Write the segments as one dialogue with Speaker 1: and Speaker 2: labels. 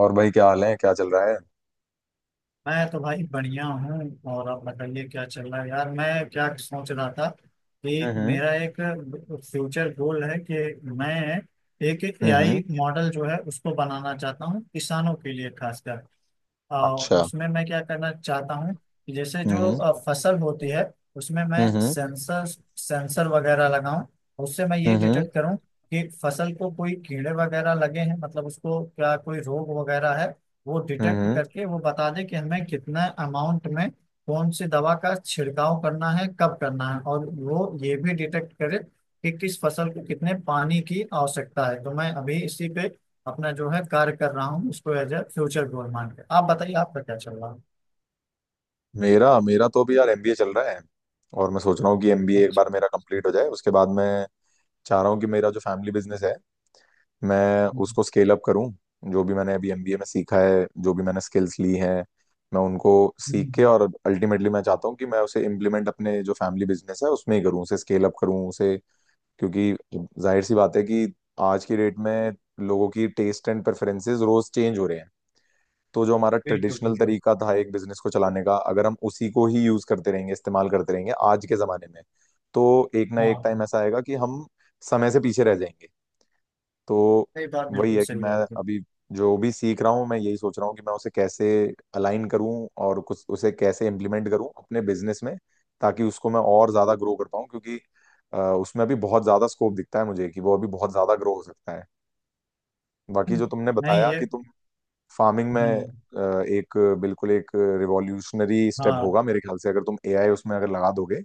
Speaker 1: और भाई, क्या हाल है? क्या चल रहा है?
Speaker 2: मैं तो भाई बढ़िया हूँ। और आप बताइए क्या चल रहा है यार। मैं क्या सोच रहा था कि
Speaker 1: हम्म।
Speaker 2: मेरा एक फ्यूचर गोल है कि मैं एक
Speaker 1: हम्म।
Speaker 2: एआई मॉडल जो है उसको बनाना चाहता हूँ किसानों के लिए, खासकर। अ,
Speaker 1: अच्छा।
Speaker 2: उसमें मैं क्या करना चाहता हूँ कि जैसे जो
Speaker 1: हम्म।
Speaker 2: फसल होती है, उसमें मैं
Speaker 1: हम्म।
Speaker 2: सेंसर सेंसर वगैरह लगाऊं, उससे मैं ये
Speaker 1: हम्म।
Speaker 2: डिटेक्ट करूं कि फसल को कोई कीड़े वगैरह लगे हैं, मतलब उसको क्या कोई रोग वगैरह है। वो डिटेक्ट
Speaker 1: हम्म।
Speaker 2: करके वो बता दे कि हमें कितना अमाउंट में कौन सी दवा का छिड़काव करना है, कब करना है। और वो ये भी डिटेक्ट करे कि किस फसल को कितने पानी की आवश्यकता है। तो मैं अभी इसी पे अपना जो है कार्य कर रहा हूँ, उसको एज ए फ्यूचर गोल मान के। आप बताइए आपका क्या चल रहा है।
Speaker 1: मेरा मेरा तो अभी यार एमबीए चल रहा है। और मैं सोच रहा हूँ कि एमबीए एक
Speaker 2: अच्छा।
Speaker 1: बार मेरा कंप्लीट हो जाए, उसके बाद मैं चाह रहा हूँ कि मेरा जो फैमिली बिजनेस है, मैं
Speaker 2: हम्म।
Speaker 1: उसको स्केल अप करूँ। जो भी मैंने अभी एमबीए में सीखा है, जो भी मैंने स्किल्स ली हैं, मैं उनको सीख के,
Speaker 2: हम्म।
Speaker 1: और अल्टीमेटली मैं चाहता हूँ कि मैं उसे इम्प्लीमेंट अपने जो फैमिली बिजनेस है उसमें ही करूँ, उसे स्केल अप करूँ उसे, क्योंकि जाहिर सी बात है कि आज की डेट में लोगों की टेस्ट एंड प्रेफरेंसेस रोज चेंज हो रहे हैं। तो जो हमारा
Speaker 2: बिल्कुल
Speaker 1: ट्रेडिशनल
Speaker 2: बिल्कुल।
Speaker 1: तरीका था एक बिजनेस को चलाने का, अगर हम उसी को ही यूज करते रहेंगे, इस्तेमाल करते रहेंगे आज के जमाने में, तो एक ना
Speaker 2: हाँ
Speaker 1: एक टाइम
Speaker 2: हाँ।
Speaker 1: ऐसा आएगा कि हम समय से पीछे रह जाएंगे। तो
Speaker 2: सही बात,
Speaker 1: वही
Speaker 2: बिल्कुल
Speaker 1: है कि
Speaker 2: सही
Speaker 1: मैं
Speaker 2: बात है।
Speaker 1: अभी जो भी सीख रहा हूँ, मैं यही सोच रहा हूँ कि मैं उसे कैसे अलाइन करूँ, और कुछ उसे कैसे इम्प्लीमेंट करूँ अपने बिजनेस में, ताकि उसको मैं और ज्यादा ग्रो कर पाऊँ, क्योंकि उसमें अभी बहुत ज्यादा स्कोप दिखता है मुझे कि वो अभी बहुत ज्यादा ग्रो हो सकता है। बाकी जो
Speaker 2: हम्म।
Speaker 1: तुमने
Speaker 2: नहीं,
Speaker 1: बताया
Speaker 2: ये
Speaker 1: कि तुम फार्मिंग में,
Speaker 2: हम्म,
Speaker 1: एक बिल्कुल एक रिवॉल्यूशनरी स्टेप
Speaker 2: हाँ
Speaker 1: होगा मेरे ख्याल से, अगर तुम एआई उसमें अगर लगा दोगे।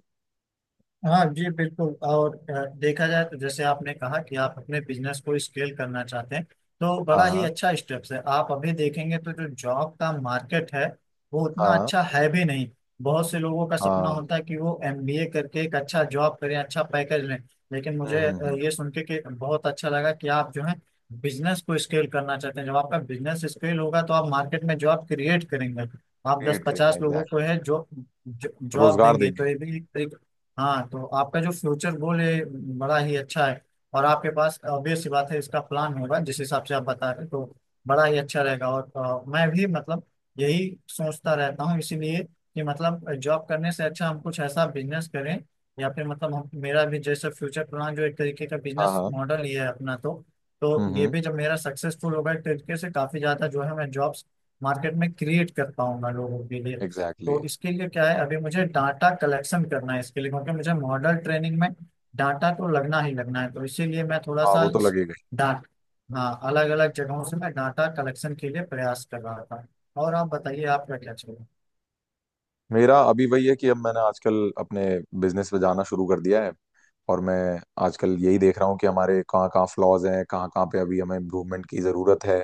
Speaker 2: हाँ जी बिल्कुल। और देखा जाए तो जैसे आपने कहा कि आप अपने बिजनेस को स्केल करना चाहते हैं, तो
Speaker 1: हाँ
Speaker 2: बड़ा ही
Speaker 1: हाँ।
Speaker 2: अच्छा स्टेप्स है। आप अभी देखेंगे तो जो जॉब का मार्केट है वो उतना
Speaker 1: हाँ
Speaker 2: अच्छा है भी नहीं। बहुत से लोगों का सपना
Speaker 1: हाँ।
Speaker 2: होता है कि वो एमबीए करके एक अच्छा जॉब करें, अच्छा पैकेज लें। लेकिन मुझे
Speaker 1: हम्म।
Speaker 2: ये सुन के कि बहुत अच्छा लगा कि आप जो है बिजनेस को स्केल करना चाहते हैं। जब आपका बिजनेस स्केल होगा तो आप मार्केट में जॉब क्रिएट करेंगे। आप दस
Speaker 1: क्रिएट करेंगे,
Speaker 2: पचास लोगों
Speaker 1: एग्जैक्टली।
Speaker 2: को है जो जॉब
Speaker 1: रोजगार
Speaker 2: देंगे,
Speaker 1: देंगे।
Speaker 2: तो ये भी एक। हाँ, तो आपका जो फ्यूचर गोल है बड़ा ही अच्छा है। और आपके पास ऑब्वियस सी बात है इसका प्लान होगा, जिस हिसाब से आप बता रहे हैं, तो बड़ा ही अच्छा रहेगा। और मैं भी मतलब यही सोचता रहता हूँ, इसीलिए कि मतलब जॉब करने से अच्छा हम कुछ ऐसा बिजनेस करें। या फिर मतलब हम, मेरा भी जैसे फ्यूचर प्लान जो एक तरीके का
Speaker 1: हाँ
Speaker 2: बिजनेस
Speaker 1: हाँ।
Speaker 2: मॉडल ही है अपना, तो तो ये
Speaker 1: हम्म।
Speaker 2: भी जब मेरा सक्सेसफुल होगा एक तरीके से, काफी ज्यादा जो है मैं जॉब्स मार्केट में क्रिएट कर पाऊंगा लोगों के लिए।
Speaker 1: Exactly, exactly.
Speaker 2: तो इसके लिए क्या है, अभी मुझे डाटा कलेक्शन करना है इसके लिए। क्योंकि मुझे मॉडल ट्रेनिंग में डाटा तो लगना ही लगना है। तो इसीलिए मैं थोड़ा
Speaker 1: हाँ,
Speaker 2: सा
Speaker 1: वो तो
Speaker 2: इस
Speaker 1: लगेगा ही।
Speaker 2: डाट हाँ, अलग अलग जगहों से मैं डाटा कलेक्शन के लिए प्रयास कर रहा था। और आप बताइए आपका क्या चल रहा
Speaker 1: मेरा अभी वही है कि अब मैंने आजकल अपने बिजनेस पे जाना शुरू कर दिया है, और मैं आजकल यही देख रहा हूँ कि हमारे कहाँ कहाँ फ्लॉज हैं, कहाँ कहाँ पे अभी हमें इम्प्रूवमेंट की ज़रूरत है।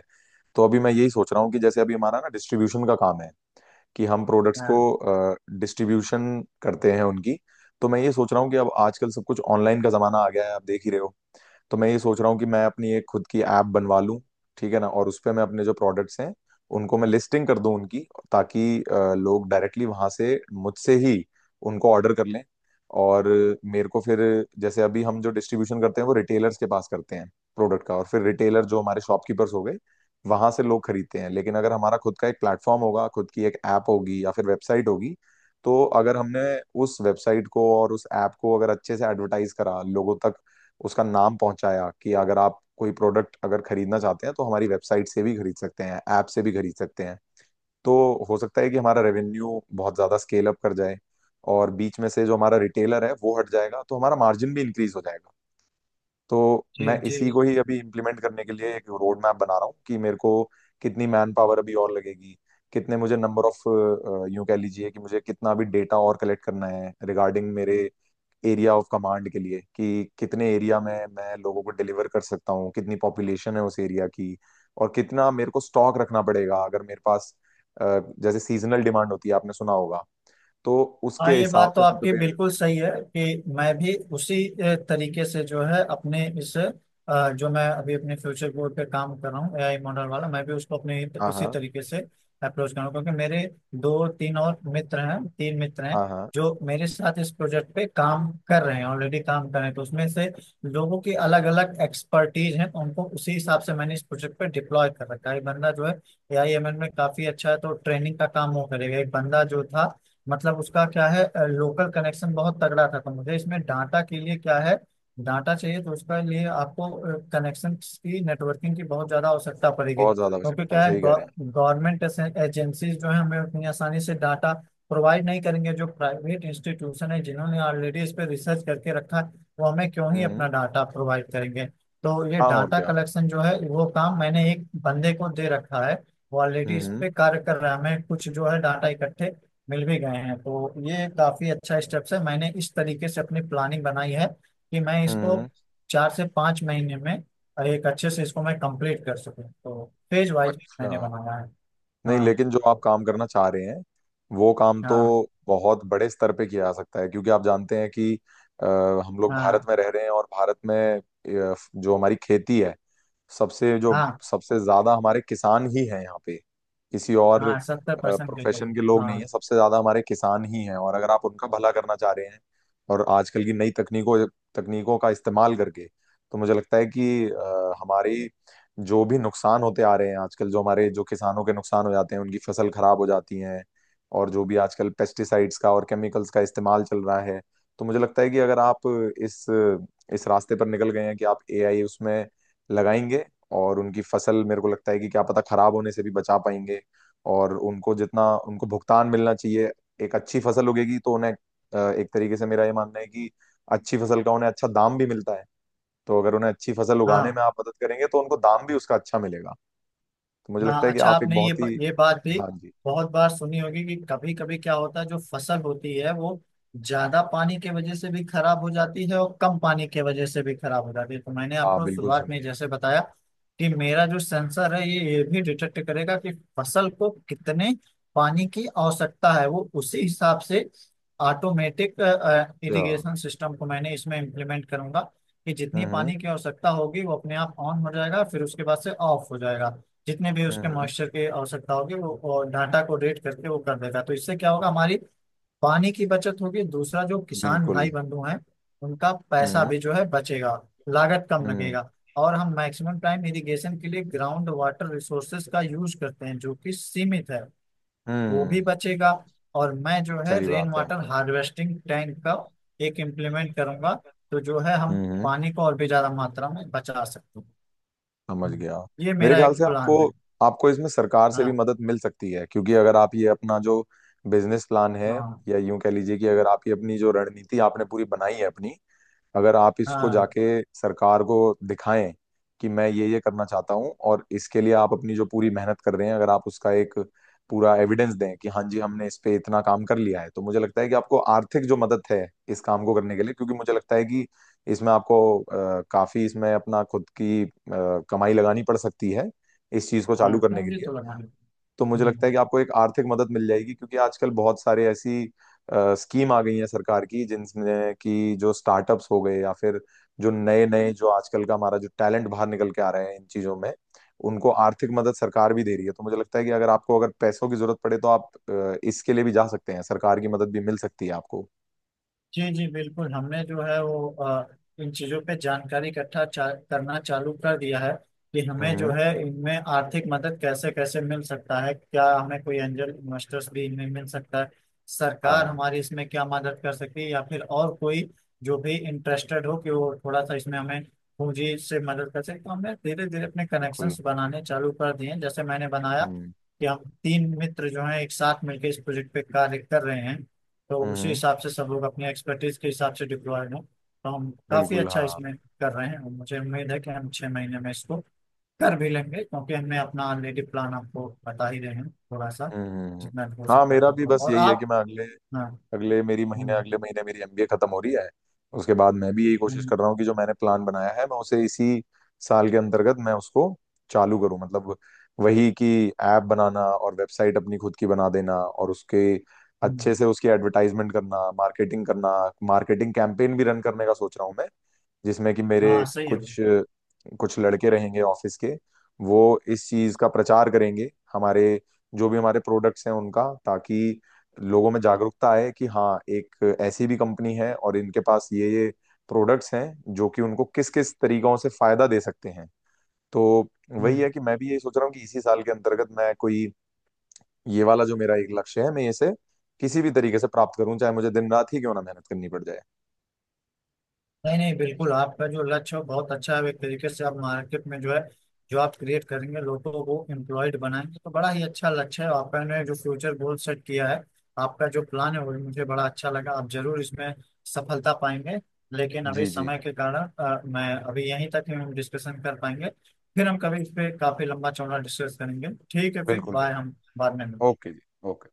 Speaker 1: तो अभी मैं यही सोच रहा हूँ कि जैसे अभी हमारा ना डिस्ट्रीब्यूशन का काम है कि हम प्रोडक्ट्स
Speaker 2: है।
Speaker 1: को
Speaker 2: हाँ।
Speaker 1: डिस्ट्रीब्यूशन करते हैं उनकी। तो मैं ये सोच रहा हूँ कि अब आजकल सब कुछ ऑनलाइन का ज़माना आ गया है, आप देख ही रहे हो। तो मैं ये सोच रहा हूँ कि मैं अपनी एक खुद की ऐप बनवा लूँ, ठीक है ना, और उस पे मैं अपने जो प्रोडक्ट्स हैं उनको मैं लिस्टिंग कर दूं उनकी, ताकि लोग डायरेक्टली वहां से मुझसे ही उनको ऑर्डर कर लें, और मेरे को फिर, जैसे अभी हम जो डिस्ट्रीब्यूशन करते हैं वो रिटेलर्स के पास करते हैं प्रोडक्ट का, और फिर रिटेलर जो हमारे शॉपकीपर्स हो गए, वहां से लोग खरीदते हैं। लेकिन अगर हमारा खुद का एक प्लेटफॉर्म होगा, खुद की एक ऐप होगी या फिर वेबसाइट होगी, तो अगर हमने उस वेबसाइट को और उस ऐप को अगर अच्छे से एडवर्टाइज करा, लोगों तक उसका नाम पहुंचाया कि अगर आप कोई प्रोडक्ट अगर खरीदना चाहते हैं तो हमारी वेबसाइट से भी खरीद सकते हैं, ऐप से भी खरीद सकते हैं, तो हो सकता है कि हमारा रेवेन्यू बहुत ज्यादा स्केल अप कर जाए, और बीच में से जो हमारा रिटेलर है वो हट जाएगा, तो हमारा मार्जिन भी इंक्रीज हो जाएगा। तो
Speaker 2: जी
Speaker 1: मैं
Speaker 2: जी।
Speaker 1: इसी को ही अभी इम्प्लीमेंट करने के लिए एक रोड मैप बना रहा हूँ कि मेरे को कितनी मैन पावर अभी और लगेगी, कितने मुझे नंबर ऑफ, यूं कह लीजिए कि मुझे कितना भी डेटा और कलेक्ट करना है रिगार्डिंग मेरे एरिया ऑफ कमांड के लिए, कि कितने एरिया में मैं लोगों को डिलीवर कर सकता हूँ, कितनी पॉपुलेशन है उस एरिया की, और कितना मेरे को स्टॉक रखना पड़ेगा, अगर मेरे पास जैसे सीजनल डिमांड होती है आपने सुना होगा, तो
Speaker 2: हाँ,
Speaker 1: उसके
Speaker 2: ये
Speaker 1: हिसाब
Speaker 2: बात तो
Speaker 1: से मैं
Speaker 2: आपकी
Speaker 1: प्रिपेयर कर।
Speaker 2: बिल्कुल सही है कि मैं भी उसी तरीके से जो है अपने इस जो मैं अभी अपने फ्यूचर बोर्ड पे काम कर रहा हूँ एआई मॉडल वाला, मैं भी उसको अपने
Speaker 1: हाँ
Speaker 2: उसी
Speaker 1: हाँ।
Speaker 2: तरीके से अप्रोच कर रहा हूँ। क्योंकि मेरे दो तीन और मित्र हैं, तीन मित्र हैं
Speaker 1: हाँ हाँ।
Speaker 2: जो मेरे साथ इस प्रोजेक्ट पे काम कर रहे हैं, ऑलरेडी काम कर रहे हैं। तो उसमें से लोगों की अलग अलग एक्सपर्टीज हैं, तो उनको उसी हिसाब से मैंने इस प्रोजेक्ट पे डिप्लॉय कर रखा है। एक बंदा जो है एआई एमएल में काफी अच्छा है, तो ट्रेनिंग का काम वो करेगा। एक बंदा जो था, मतलब उसका क्या है, लोकल कनेक्शन बहुत तगड़ा था। तो मुझे इसमें डाटा के लिए क्या है, डाटा चाहिए, तो उसके लिए आपको कनेक्शन की, नेटवर्किंग की बहुत ज़्यादा आवश्यकता पड़ेगी।
Speaker 1: बहुत ज्यादा
Speaker 2: क्योंकि
Speaker 1: आवश्यकता है,
Speaker 2: क्या है,
Speaker 1: सही कह रहे हैं।
Speaker 2: गवर्नमेंट एजेंसीज जो है हमें उतनी आसानी से डाटा प्रोवाइड नहीं करेंगे। जो प्राइवेट इंस्टीट्यूशन है जिन्होंने ऑलरेडी इस पर रिसर्च करके रखा है, वो हमें क्यों ही
Speaker 1: हम्म।
Speaker 2: अपना डाटा प्रोवाइड करेंगे। तो ये
Speaker 1: हाँ, और
Speaker 2: डाटा
Speaker 1: क्या।
Speaker 2: कलेक्शन जो है वो काम मैंने एक बंदे को दे रखा है, वो ऑलरेडी इस
Speaker 1: हम्म
Speaker 2: पे कार्य कर रहा है। हमें कुछ जो है डाटा इकट्ठे मिल भी गए हैं। तो ये काफी अच्छा स्टेप्स है। मैंने इस तरीके से अपनी प्लानिंग बनाई है कि मैं इसको
Speaker 1: हम्म।
Speaker 2: 4 से 5 महीने में एक अच्छे से इसको मैं कंप्लीट कर सकूं। तो फेज वाइज
Speaker 1: अच्छा।
Speaker 2: मैंने बनाया है।
Speaker 1: नहीं,
Speaker 2: हाँ
Speaker 1: लेकिन जो आप
Speaker 2: तो।
Speaker 1: काम करना चाह रहे हैं, वो काम तो
Speaker 2: हाँ
Speaker 1: बहुत बड़े स्तर पे किया जा सकता है, क्योंकि आप जानते हैं कि अ, हम लोग भारत
Speaker 2: हाँ।
Speaker 1: में रह रहे हैं, और भारत में, जो हमारी खेती है, सबसे जो
Speaker 2: हाँ
Speaker 1: सबसे ज्यादा हमारे किसान ही हैं यहाँ पे, किसी और
Speaker 2: हाँ 70% के
Speaker 1: प्रोफेशन
Speaker 2: करीब,
Speaker 1: के लोग नहीं
Speaker 2: हाँ।
Speaker 1: है, सबसे ज्यादा हमारे किसान ही हैं, और अगर आप उनका भला करना चाह रहे हैं, और आजकल की नई तकनीकों तकनीकों का इस्तेमाल करके, तो मुझे लगता है कि हमारी जो भी नुकसान होते आ रहे हैं आजकल, जो हमारे जो किसानों के नुकसान हो जाते हैं, उनकी फसल खराब हो जाती है, और जो भी आजकल पेस्टिसाइड्स का और केमिकल्स का इस्तेमाल चल रहा है, तो मुझे लगता है कि अगर आप इस इस रास्ते पर निकल गए हैं कि आप एआई उसमें लगाएंगे, और उनकी फसल मेरे को लगता है कि क्या पता खराब होने से भी बचा पाएंगे, और उनको जितना उनको भुगतान मिलना चाहिए, एक अच्छी फसल उगेगी तो उन्हें, एक तरीके से मेरा ये मानना है कि अच्छी फसल का उन्हें अच्छा दाम भी मिलता है। तो अगर उन्हें अच्छी फसल उगाने में
Speaker 2: हाँ
Speaker 1: आप मदद करेंगे तो उनको दाम भी उसका अच्छा मिलेगा। तो मुझे
Speaker 2: हाँ।
Speaker 1: लगता है कि
Speaker 2: अच्छा,
Speaker 1: आप एक
Speaker 2: आपने
Speaker 1: बहुत ही।
Speaker 2: ये बात भी
Speaker 1: हाँ जी।
Speaker 2: बहुत बार सुनी होगी कि कभी कभी क्या होता है, जो फसल होती है वो ज्यादा पानी के वजह से भी खराब हो जाती है और कम पानी के वजह से भी खराब हो जाती है। तो मैंने
Speaker 1: हाँ
Speaker 2: आपको
Speaker 1: बिल्कुल,
Speaker 2: शुरुआत में
Speaker 1: सुनिए।
Speaker 2: जैसे बताया कि मेरा जो सेंसर है ये भी डिटेक्ट करेगा कि फसल को कितने पानी की आवश्यकता है। वो उसी हिसाब से ऑटोमेटिक
Speaker 1: अच्छा।
Speaker 2: इरिगेशन सिस्टम को मैंने इसमें इम्प्लीमेंट करूंगा कि जितनी
Speaker 1: हम्म
Speaker 2: पानी की आवश्यकता होगी वो अपने आप ऑन हो जाएगा, फिर उसके बाद से ऑफ हो जाएगा। जितने भी
Speaker 1: हम्म
Speaker 2: उसके
Speaker 1: हम्म,
Speaker 2: मॉइस्चर की आवश्यकता होगी वो डाटा को रेट करके वो कर देगा। तो इससे क्या होगा, हमारी पानी की बचत होगी। दूसरा, जो किसान
Speaker 1: बिल्कुल।
Speaker 2: भाई बंधु हैं उनका पैसा
Speaker 1: हम्म
Speaker 2: भी जो है बचेगा, लागत कम
Speaker 1: हम्म
Speaker 2: लगेगा। और हम मैक्सिमम टाइम इरिगेशन के लिए ग्राउंड वाटर रिसोर्सेज का यूज करते हैं जो कि सीमित है, वो भी
Speaker 1: हम्म।
Speaker 2: बचेगा। और मैं जो है
Speaker 1: सही
Speaker 2: रेन
Speaker 1: बात है।
Speaker 2: वाटर हार्वेस्टिंग टैंक का एक इम्प्लीमेंट करूंगा, तो जो है हम
Speaker 1: हम्म हम्म।
Speaker 2: पानी को और भी ज्यादा मात्रा में बचा सकते हैं।
Speaker 1: समझ
Speaker 2: हम्म।
Speaker 1: गया।
Speaker 2: ये
Speaker 1: मेरे
Speaker 2: मेरा
Speaker 1: ख्याल
Speaker 2: एक
Speaker 1: से
Speaker 2: प्लान
Speaker 1: आपको
Speaker 2: है।
Speaker 1: आपको इसमें सरकार से भी
Speaker 2: हाँ
Speaker 1: मदद मिल सकती है, क्योंकि अगर आप ये अपना जो बिजनेस प्लान है,
Speaker 2: हाँ।
Speaker 1: या यूं कह लीजिए कि अगर आप ये अपनी जो रणनीति आपने पूरी बनाई है अपनी, अगर आप इसको
Speaker 2: हाँ
Speaker 1: जाके सरकार को दिखाएं कि मैं ये करना चाहता हूँ, और इसके लिए आप अपनी जो पूरी मेहनत कर रहे हैं, अगर आप उसका एक पूरा एविडेंस दें कि हाँ जी हमने इस पे इतना काम कर लिया है, तो मुझे लगता है कि आपको आर्थिक जो मदद है इस काम को करने के लिए, क्योंकि मुझे लगता है कि इसमें आपको काफी इसमें अपना खुद की कमाई लगानी पड़ सकती है इस चीज को चालू
Speaker 2: हाँ,
Speaker 1: करने के
Speaker 2: मुझे
Speaker 1: लिए।
Speaker 2: तो लगा है।
Speaker 1: तो मुझे लगता
Speaker 2: हम्म।
Speaker 1: है कि आपको एक आर्थिक मदद मिल जाएगी, क्योंकि आजकल बहुत सारे ऐसी स्कीम आ गई है सरकार की, जिनमें कि जो स्टार्टअप्स हो गए या फिर जो नए नए जो आजकल का हमारा जो टैलेंट बाहर निकल के आ रहे हैं इन चीजों में, उनको आर्थिक मदद सरकार भी दे रही है। तो मुझे लगता है कि अगर आपको अगर पैसों की जरूरत पड़े, तो आप इसके लिए भी जा सकते हैं, सरकार की मदद भी मिल सकती है आपको।
Speaker 2: जी जी बिल्कुल, हमने जो है वो इन चीज़ों पे जानकारी इकट्ठा करना चालू कर दिया है कि हमें जो
Speaker 1: हम्म।
Speaker 2: है इनमें आर्थिक मदद कैसे कैसे मिल सकता है, क्या हमें कोई एंजल इन्वेस्टर्स भी इनमें मिल सकता है, सरकार
Speaker 1: हाँ
Speaker 2: हमारी इसमें क्या मदद कर सकती है, या फिर और कोई जो भी इंटरेस्टेड हो कि वो थोड़ा सा इसमें हमें पूंजी से मदद कर सके। तो हमने धीरे धीरे अपने
Speaker 1: बिल्कुल।
Speaker 2: कनेक्शंस बनाने चालू कर दिए हैं। जैसे मैंने बनाया
Speaker 1: हम्म
Speaker 2: कि हम तीन मित्र जो हैं एक साथ मिलकर इस प्रोजेक्ट पे कार्य कर रहे हैं। तो उसी
Speaker 1: हम्म।
Speaker 2: हिसाब से सब लोग अपनी एक्सपर्टीज के हिसाब से डिप्लॉयड हो, तो हम काफी
Speaker 1: बिल्कुल
Speaker 2: अच्छा
Speaker 1: हाँ।
Speaker 2: इसमें कर रहे हैं। और मुझे उम्मीद है कि हम 6 महीने में इसको कर भी लेंगे, क्योंकि हमने अपना ऑलरेडी प्लान आपको बता ही रहे हैं, थोड़ा सा
Speaker 1: हम्म हम्म, हम्म।
Speaker 2: जितना भी हो
Speaker 1: हाँ,
Speaker 2: सकता
Speaker 1: मेरा
Speaker 2: था
Speaker 1: भी
Speaker 2: तो।
Speaker 1: बस
Speaker 2: और
Speaker 1: यही है कि
Speaker 2: आप।
Speaker 1: मैं अगले,
Speaker 2: हाँ।
Speaker 1: अगले मेरी महीने
Speaker 2: हम्म।
Speaker 1: अगले महीने मेरी एमबीए खत्म हो रही है। उसके बाद मैं भी यही कोशिश
Speaker 2: हम्म।
Speaker 1: कर रहा हूँ कि जो मैंने प्लान बनाया है मैं उसे इसी साल के अंतर्गत मैं उसको चालू करूँ, मतलब वही कि ऐप बनाना और वेबसाइट अपनी खुद की बना देना, और उसके
Speaker 2: हम्म।
Speaker 1: अच्छे से उसकी एडवर्टाइजमेंट करना, मार्केटिंग करना। मार्केटिंग कैंपेन भी रन करने का सोच रहा हूँ मैं, जिसमें कि मेरे
Speaker 2: हाँ, सही है वो।
Speaker 1: कुछ कुछ लड़के रहेंगे ऑफिस के, वो इस चीज का प्रचार करेंगे हमारे, जो भी हमारे प्रोडक्ट्स हैं उनका, ताकि लोगों में जागरूकता आए कि हाँ, एक ऐसी भी कंपनी है, और इनके पास ये प्रोडक्ट्स हैं जो कि उनको किस किस तरीकों से फायदा दे सकते हैं। तो वही
Speaker 2: हम्म।
Speaker 1: है कि मैं भी यही सोच रहा हूँ कि इसी साल के अंतर्गत मैं कोई, ये वाला जो मेरा एक लक्ष्य है, मैं इसे किसी भी तरीके से प्राप्त करूं, चाहे मुझे दिन रात ही क्यों ना मेहनत करनी पड़ जाए।
Speaker 2: नहीं नहीं, बिल्कुल
Speaker 1: जी
Speaker 2: आपका जो लक्ष्य है बहुत अच्छा है। एक तरीके से आप मार्केट में जो है जो आप क्रिएट करेंगे, लोगों को एम्प्लॉयड बनाएंगे, तो बड़ा ही अच्छा लक्ष्य है। आपने जो फ्यूचर गोल सेट किया है, आपका जो प्लान है, वो भी मुझे बड़ा अच्छा लगा। आप जरूर इसमें सफलता पाएंगे। लेकिन अभी
Speaker 1: जी जी।
Speaker 2: समय
Speaker 1: जी,
Speaker 2: के कारण मैं अभी यहीं तक ही हम डिस्कशन कर पाएंगे। फिर हम कभी इस पे काफी लंबा चौड़ा डिस्कस करेंगे, ठीक है। फिर
Speaker 1: बिल्कुल
Speaker 2: बाय,
Speaker 1: बिल्कुल।
Speaker 2: हम बाद में मिलते हैं।
Speaker 1: ओके जी। ओके।